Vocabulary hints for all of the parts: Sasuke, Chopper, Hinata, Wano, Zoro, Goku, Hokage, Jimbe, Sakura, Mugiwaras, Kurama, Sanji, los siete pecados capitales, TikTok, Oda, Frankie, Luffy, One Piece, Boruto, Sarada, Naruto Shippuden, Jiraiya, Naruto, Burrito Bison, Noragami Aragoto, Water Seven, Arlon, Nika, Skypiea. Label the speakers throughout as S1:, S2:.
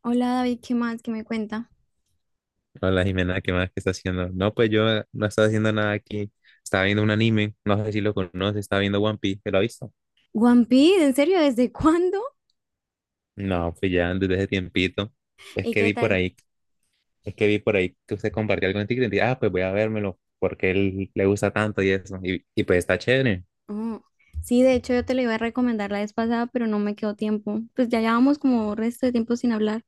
S1: Hola David, ¿qué más? ¿Qué me cuenta?
S2: Hola Jimena, ¿qué más? Que estás haciendo? No, pues yo no estaba haciendo nada aquí. Estaba viendo un anime, no sé si lo conoces, estaba viendo One Piece, ¿te lo has visto?
S1: One Piece, ¿en serio? ¿Desde cuándo?
S2: No, pues ya desde ese tiempito. Es
S1: ¿Y
S2: que
S1: qué
S2: vi por
S1: tal?
S2: ahí, es que vi por ahí que usted compartió algo en TikTok y dije, ah, pues voy a vérmelo, porque él le gusta tanto y eso. Y pues está chévere.
S1: Oh, sí, de hecho yo te lo iba a recomendar la vez pasada, pero no me quedó tiempo. Pues ya llevamos como resto de tiempo sin hablar.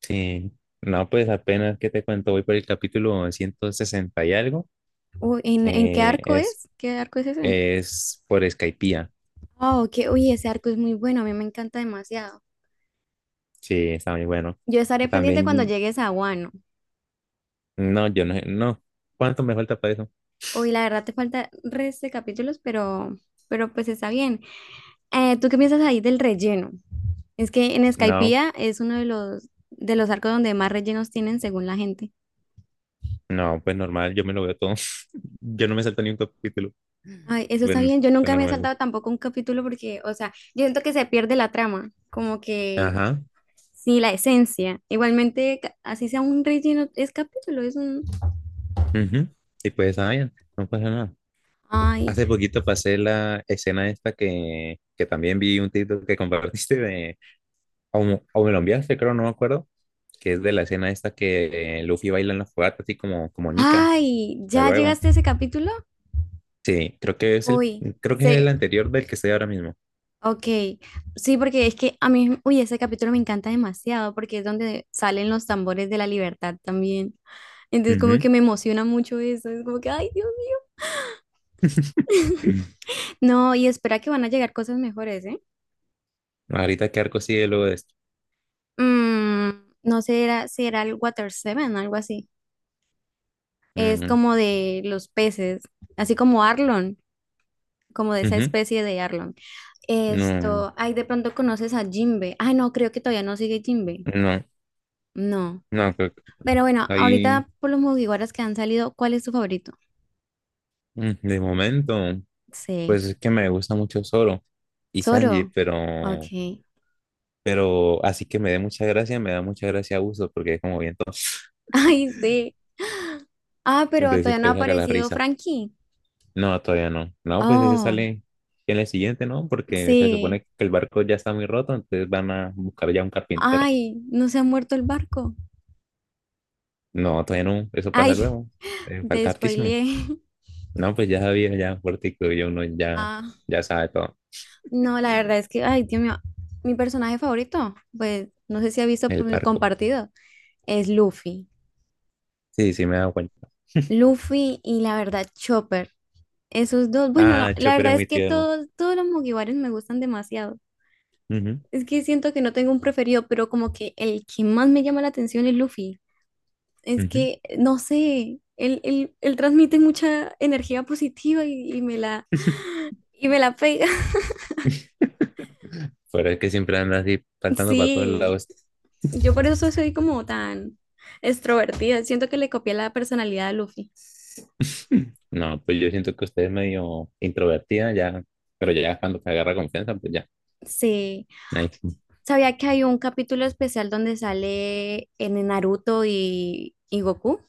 S2: Sí. No, pues apenas que te cuento, voy por el capítulo 160 y algo,
S1: Uy, ¿en qué
S2: que
S1: arco
S2: es,
S1: es? ¿Qué arco es ese?
S2: es por Skypiea.
S1: Oh, que, uy, ese arco es muy bueno, a mí me encanta demasiado.
S2: Sí, está muy bueno.
S1: Yo estaré pendiente cuando
S2: También,
S1: llegues a Wano.
S2: no, yo no, no. ¿Cuánto me falta para eso?
S1: Uy, la verdad te falta resto de capítulos, pero pues está bien. ¿Tú qué piensas ahí del relleno? Es que en
S2: No,
S1: Skypiea es uno de los arcos donde más rellenos tienen según la gente.
S2: no, pues normal, yo me lo veo todo. Yo no me salto ni un capítulo.
S1: Ay, eso está
S2: Bueno,
S1: bien. Yo
S2: pues
S1: nunca me he
S2: normal.
S1: saltado tampoco un capítulo porque, o sea, yo siento que se pierde la trama, como que
S2: Ajá.
S1: sí, la esencia. Igualmente, así sea un relleno, es capítulo,
S2: Ujú. Y pues, ah, ya, no pasa nada.
S1: Ay,
S2: Hace poquito pasé la escena esta que también vi un título que compartiste de, o me lo enviaste, creo, no me acuerdo, que es de la escena esta que Luffy baila en la fogata, así como Nika,
S1: ay,
S2: pero
S1: ¿ya
S2: luego.
S1: llegaste a ese capítulo?
S2: Sí,
S1: Uy,
S2: creo que es el
S1: se,
S2: anterior del que estoy ahora mismo.
S1: Ok, sí, porque es que a mí, uy, ese capítulo me encanta demasiado porque es donde salen los tambores de la libertad también. Entonces como que
S2: Ujú.
S1: me emociona mucho eso, es como que, ay, Dios mío. No, y espera que van a llegar cosas mejores, ¿eh?
S2: ¿Ahorita qué arco sigue luego de esto?
S1: Mm, no sé, si era el Water Seven, algo así. Es como de los peces, así como Arlon, como de esa
S2: Ujú.
S1: especie de Arlon.
S2: No,
S1: Ay, de pronto conoces a Jimbe. Ay, no, creo que todavía no sigue Jimbe.
S2: no,
S1: No.
S2: no, creo que
S1: Pero bueno,
S2: ahí
S1: ahorita por los Mugiwaras que han salido, ¿cuál es tu favorito?
S2: de momento,
S1: Sí.
S2: pues es que me gusta mucho Zoro y Sanji,
S1: Zoro. Ok.
S2: pero, pero así que me da mucha gracia uso porque es como bien entonces
S1: Ay, sí. Ah, pero
S2: entonces
S1: todavía no ha
S2: siempre saca la
S1: aparecido
S2: risa.
S1: Frankie.
S2: No, todavía no. No, pues ese
S1: Oh,
S2: sale en el siguiente, ¿no? Porque se
S1: sí.
S2: supone que el barco ya está muy roto, entonces van a buscar ya un carpintero.
S1: Ay, no se ha muerto el barco.
S2: No, todavía no, eso pasa
S1: Ay,
S2: luego.
S1: te
S2: Falta hartísimo.
S1: spoileé.
S2: No, pues ya sabía, ya fuerte, ya uno ya,
S1: Ah,
S2: ya sabe todo
S1: no, la verdad es que, ay, Dios mío, mi personaje favorito, pues no sé si ha visto
S2: el
S1: por mis
S2: barco.
S1: compartidos, es Luffy.
S2: Sí, sí, me he dado cuenta.
S1: Luffy y la verdad, Chopper. Esos dos, bueno, no,
S2: Ah,
S1: la
S2: Chopper es
S1: verdad es
S2: muy
S1: que
S2: tierno.
S1: todos, todos los mugiwaras me gustan demasiado.
S2: Ujú,
S1: Es que siento que no tengo un preferido, pero como que el que más me llama la atención es Luffy. Es
S2: ujú.
S1: que, no sé, él transmite mucha energía positiva y me y me la pega.
S2: Pero es que siempre andas así saltando para todos
S1: Sí,
S2: lados.
S1: yo por eso soy como tan extrovertida. Siento que le copié la personalidad a Luffy.
S2: No, pues yo siento que usted es medio introvertida ya, pero ya cuando te agarra confianza, pues ya.
S1: Sí,
S2: Nice.
S1: sabía que hay un capítulo especial donde sale en Naruto y Goku.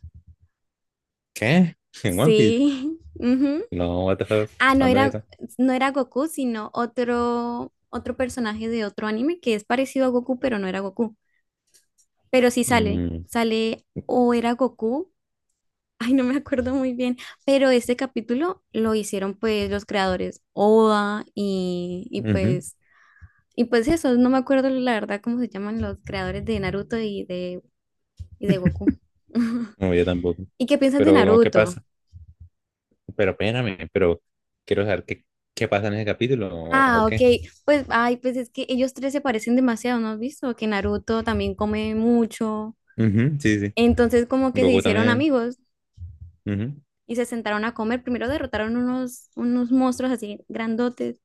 S2: ¿Qué? ¿En One Piece?
S1: Sí. ujú.
S2: No, what the fuck,
S1: Ah, no
S2: ¿cuándo es
S1: era,
S2: eso?
S1: no era Goku, sino otro, otro personaje de otro anime que es parecido a Goku, pero no era Goku. Pero sí sale,
S2: Mm,
S1: sale o era Goku. Ay, no me acuerdo muy bien, pero este capítulo lo hicieron pues los creadores Oda y, y
S2: ujú.
S1: pues y pues eso, no me acuerdo la verdad cómo se llaman los creadores de Naruto y de Goku.
S2: No, yo tampoco.
S1: ¿Y qué piensas de
S2: Pero, ¿qué
S1: Naruto?
S2: pasa? Pero espérame, pero quiero saber qué pasa en ese capítulo o,
S1: Ah,
S2: o
S1: ok.
S2: qué.
S1: Pues, ay, pues es que ellos tres se parecen demasiado, ¿no has visto? Que Naruto también come mucho.
S2: Ujú, sí, sí.
S1: Entonces, como
S2: Sí.
S1: que se
S2: Goku
S1: hicieron
S2: también.
S1: amigos
S2: Ujú.
S1: y se sentaron a comer. Primero derrotaron unos, unos monstruos así grandotes.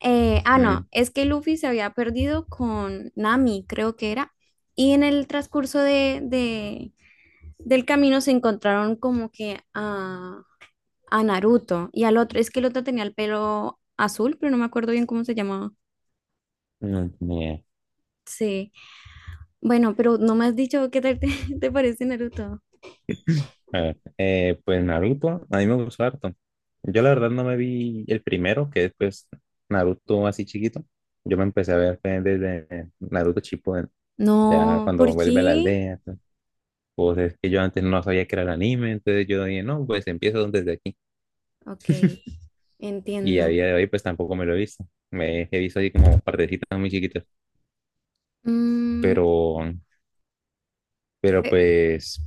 S1: No,
S2: Mm,
S1: es que Luffy se había perdido con Nami, creo que era. Y en el transcurso del camino se encontraron como que a Naruto y al otro. Es que el otro tenía el pelo azul, pero no me acuerdo bien cómo se llamaba.
S2: mm, yeah.
S1: Sí. Bueno, pero no me has dicho qué tal te, te parece Naruto.
S2: A ver, pues Naruto, a mí me gustó harto. Yo la verdad no me vi el primero, que es pues Naruto así chiquito. Yo me empecé a ver fue desde Naruto Shippuden, ¿no? Ya
S1: No,
S2: cuando
S1: ¿por
S2: vuelve a la
S1: qué?
S2: aldea. Pues, es que yo antes no sabía que era el anime, entonces yo dije, no, pues empiezo desde aquí.
S1: Ok,
S2: Y a
S1: entiendo.
S2: día de hoy pues tampoco me lo he visto. Me he visto así como partecitas muy chiquitas.
S1: Mm,
S2: Pero, pero
S1: eh,
S2: pues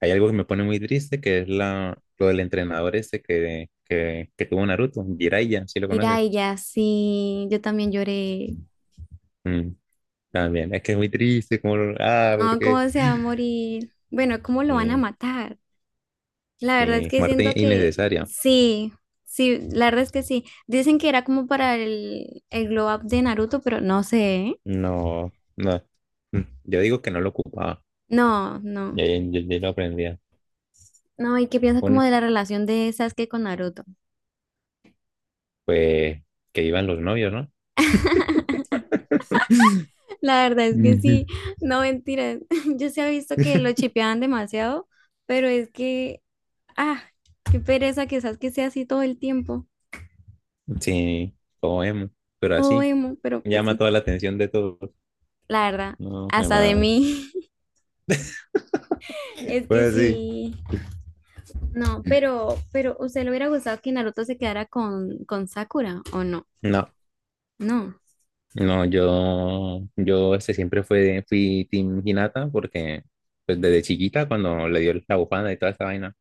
S2: hay algo que me pone muy triste, que es lo del entrenador este que tuvo Naruto, Jiraiya, si lo conoces.
S1: Jiraiya, sí, yo también lloré.
S2: Mm, también, es que es muy triste, como,
S1: No,
S2: porque
S1: ¿cómo se va a morir? Bueno, ¿cómo lo van a
S2: Eh,
S1: matar? La verdad es que
S2: muerte
S1: siento que
S2: innecesaria.
S1: sí, sí, la verdad es que sí. Dicen que era como para el glow up de Naruto, pero no sé. ¿Eh?
S2: No, no. Yo digo que no lo ocupaba.
S1: No, no.
S2: Ya, ya, ya lo aprendía.
S1: No, ¿y qué piensas como
S2: Bueno,
S1: de la relación de Sasuke con Naruto?
S2: pues que iban los novios, ¿no?
S1: La verdad es que
S2: Ujú.
S1: sí, no mentiras. Yo se ha visto que lo chipeaban demasiado, pero es que, ah, qué pereza quizás que sea así todo el tiempo,
S2: Sí, como emo, pero
S1: todo
S2: así
S1: emo, pero pues
S2: llama
S1: sí,
S2: toda la atención de todos.
S1: la verdad,
S2: No, mi
S1: hasta de
S2: madre.
S1: mí, es que
S2: Pues sí.
S1: sí. No, pero ¿usted le hubiera gustado que Naruto se quedara con Sakura o no?
S2: No.
S1: No,
S2: No, yo, este, fui Team Hinata porque pues desde chiquita cuando le dio la bufanda y toda esta vaina,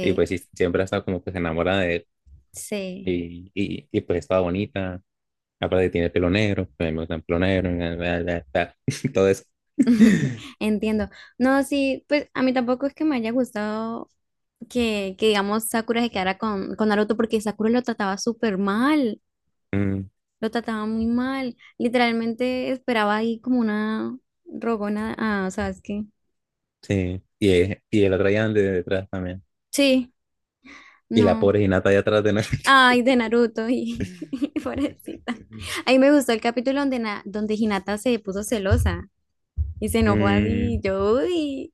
S2: y pues sí, siempre ha estado como que se enamora de él
S1: sí.
S2: y pues estaba bonita, aparte tiene pelo negro, pues me gusta el pelo negro, bla, bla, bla, bla, todo eso.
S1: Entiendo. No, sí, pues a mí tampoco es que me haya gustado que digamos Sakura se quedara con Naruto porque Sakura lo trataba súper mal,
S2: Mm,
S1: lo trataba muy mal. Literalmente esperaba ahí como una rogona ah sabes qué
S2: sí, y el otro allá de detrás también,
S1: Sí,
S2: y la
S1: no.
S2: pobre Hinata allá atrás de nosotros.
S1: Ay, de Naruto y pobrecita. Ahí me gustó el capítulo donde, donde Hinata se puso celosa y se enojó así. Yo, uy.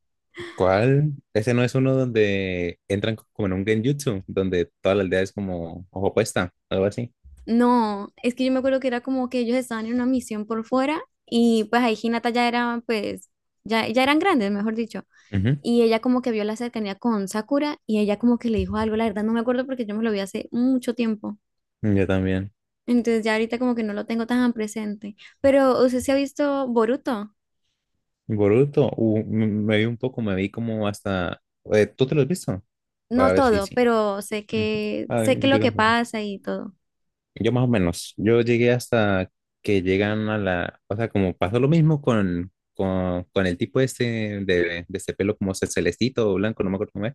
S2: ¿Cuál? Ese no es uno donde entran como en un genjutsu, donde toda la aldea es como ojo puesta, algo así.
S1: No, es que yo me acuerdo que era como que ellos estaban en una misión por fuera y pues ahí Hinata ya era, pues, ya eran grandes, mejor dicho.
S2: Ujú.
S1: Y ella como que vio la cercanía con Sakura y ella como que le dijo algo, la verdad no me acuerdo porque yo me lo vi hace mucho tiempo.
S2: Yo también.
S1: Entonces ya ahorita como que no lo tengo tan presente. Pero usted se ha visto Boruto,
S2: Boruto, me vi un poco, me vi como hasta... ¿Tú te lo has visto?
S1: no
S2: Para ver si
S1: todo,
S2: sí.
S1: pero
S2: Ujú.
S1: sé
S2: Ay,
S1: que
S2: yo,
S1: lo que
S2: también.
S1: pasa y todo.
S2: Yo más o menos. Yo llegué hasta que llegan a la... O sea, como pasó lo mismo con, con, el tipo este de este pelo como celestito o blanco, no me acuerdo cómo es,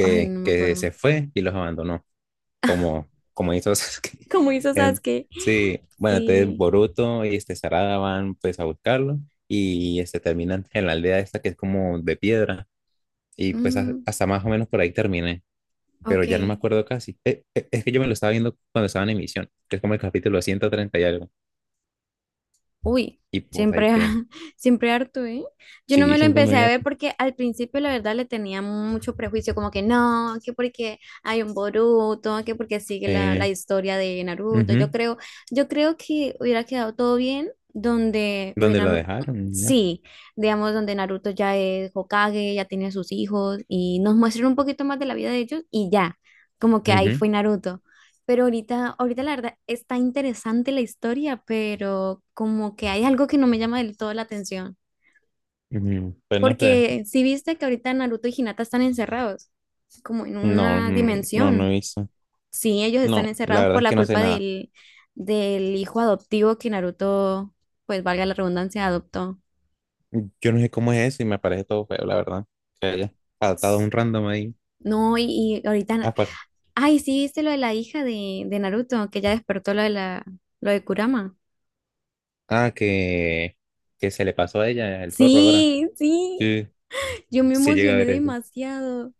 S1: Ay, no me
S2: que
S1: acuerdo.
S2: se fue y los abandonó. Como estos
S1: Como hizo
S2: en-
S1: Sasuke.
S2: sí, bueno, entonces
S1: Sí.
S2: Boruto y este Sarada van pues a buscarlo y este terminan en la aldea esta que es como de piedra y pues ha-
S1: Mm,
S2: hasta más o menos por ahí terminé, pero
S1: ok.
S2: ya no me acuerdo casi. Es que yo me lo estaba viendo cuando estaba en emisión, que es como el capítulo 130 y algo,
S1: Uy,
S2: y pues ahí
S1: siempre,
S2: quedé.
S1: siempre harto, ¿eh? Yo no
S2: Sí,
S1: me lo
S2: siempre me
S1: empecé a
S2: voy.
S1: ver porque al principio la verdad le tenía mucho prejuicio, como que no, que porque hay un Boruto, que porque sigue la
S2: Eh,
S1: historia de Naruto.
S2: ujú.
S1: Yo creo que hubiera quedado todo bien donde
S2: ¿Dónde lo
S1: hubieran,
S2: dejaron? Ya.
S1: sí, digamos, donde Naruto ya es Hokage, ya tiene sus hijos y nos muestran un poquito más de la vida de ellos y ya, como que ahí
S2: Ujú,
S1: fue Naruto. Pero ahorita, ahorita la verdad está interesante la historia, pero como que hay algo que no me llama del todo la atención.
S2: ujú, pues no sé.
S1: Porque si viste que ahorita Naruto y Hinata están encerrados, como en
S2: No,
S1: una
S2: no, no
S1: dimensión.
S2: hizo.
S1: Sí, ellos
S2: No,
S1: están
S2: la
S1: encerrados
S2: verdad
S1: por
S2: es
S1: la
S2: que no sé
S1: culpa
S2: nada.
S1: del hijo adoptivo que Naruto, pues valga la redundancia, adoptó.
S2: Yo no sé cómo es eso y me parece todo feo, la verdad. Que haya adaptado a un random ahí.
S1: No, y
S2: Ah,
S1: ahorita, ay, sí, viste lo de la hija de Naruto, que ya despertó lo de lo de Kurama.
S2: ah, que, que se le pasó a ella el zorro ahora.
S1: Sí, sí,
S2: Sí,
S1: yo me
S2: sí llega a
S1: emocioné
S2: ver eso.
S1: demasiado.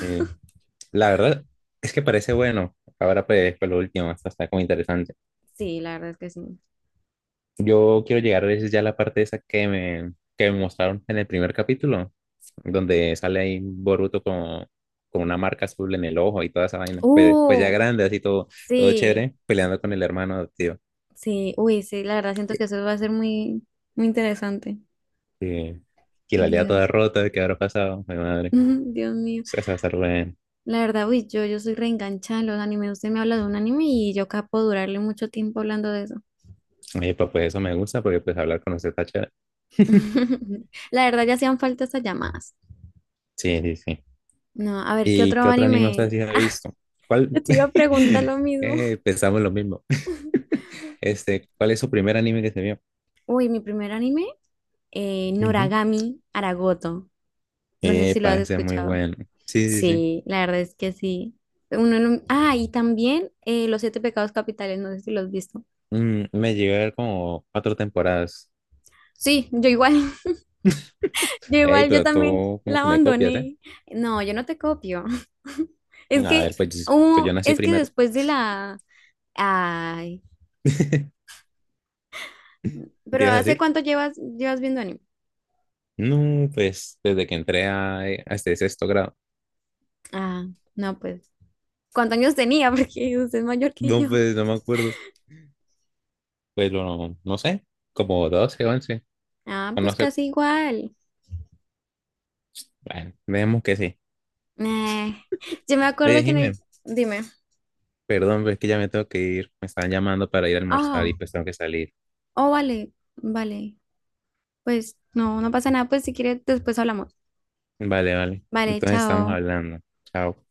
S2: Eh, la verdad es que parece bueno. Ahora pues fue lo último, hasta está como interesante.
S1: Sí, la verdad es que sí.
S2: Yo quiero llegar a veces ya a la parte esa que me mostraron en el primer capítulo, donde sale ahí Boruto con una marca azul en el ojo y toda esa vaina. Pues ya
S1: Uh,
S2: grande, así todo, todo
S1: sí,
S2: chévere, peleando con el hermano tío.
S1: sí, uy, sí, la verdad siento que eso va a ser muy, muy interesante.
S2: Sí. Y la lea toda
S1: Dios,
S2: rota, ¿qué habrá pasado? Mi madre.
S1: Dios mío.
S2: Eso va a estar bueno.
S1: La verdad, uy, yo soy reenganchada en los animes. Usted me habla de un anime y yo capo durarle mucho tiempo hablando de eso.
S2: Oye, pues, eso me gusta porque pues hablar con usted está chévere.
S1: La verdad, ya hacían falta esas llamadas.
S2: Sí, sí, sí.
S1: No, a ver, ¿qué
S2: ¿Y
S1: otro
S2: qué otro anime usted
S1: anime?
S2: sí ha visto? ¿Cuál?
S1: Yo te iba a preguntar lo mismo.
S2: Pensamos lo mismo. Este, ¿cuál es su primer anime que se vio?
S1: Uy, mi primer anime,
S2: Ujú.
S1: Noragami Aragoto. No sé si lo
S2: Epa,
S1: has
S2: ese es muy
S1: escuchado.
S2: bueno. Sí, sí, sí.
S1: Sí, la verdad es que sí. Uno no- Ah, y también los siete pecados capitales, no sé si los has visto.
S2: Mm, me llegué a ver como cuatro temporadas.
S1: Sí, yo igual, yo
S2: Ey,
S1: igual, yo
S2: pero
S1: también
S2: tú como
S1: la
S2: que me copias, ¿eh?
S1: abandoné. No, yo no te copio. Es
S2: A
S1: que,
S2: ver, pues yo nací
S1: es que
S2: primero.
S1: después de Ay,
S2: ¿Qué
S1: pero
S2: ibas a
S1: ¿hace
S2: decir?
S1: cuánto llevas viendo anime?
S2: No, pues desde que entré a este sexto grado.
S1: Ah, no, pues, ¿cuántos años tenía? Porque usted es mayor que
S2: No,
S1: yo.
S2: pues no me acuerdo. Pero no sé, como 12 11
S1: Ah,
S2: o no
S1: pues
S2: sé.
S1: casi igual.
S2: Bueno, veamos que sí.
S1: Eh, yo me acuerdo
S2: Oye,
S1: que en
S2: Jimé,
S1: Dime.
S2: perdón, pero es que ya me tengo que ir. Me están llamando para ir a almorzar y
S1: Ah,
S2: pues tengo que salir.
S1: oh, vale, vale. Pues no, no pasa nada, pues si quieres después hablamos.
S2: Vale, vale.
S1: Vale,
S2: Entonces estamos
S1: chao.
S2: hablando. Chao.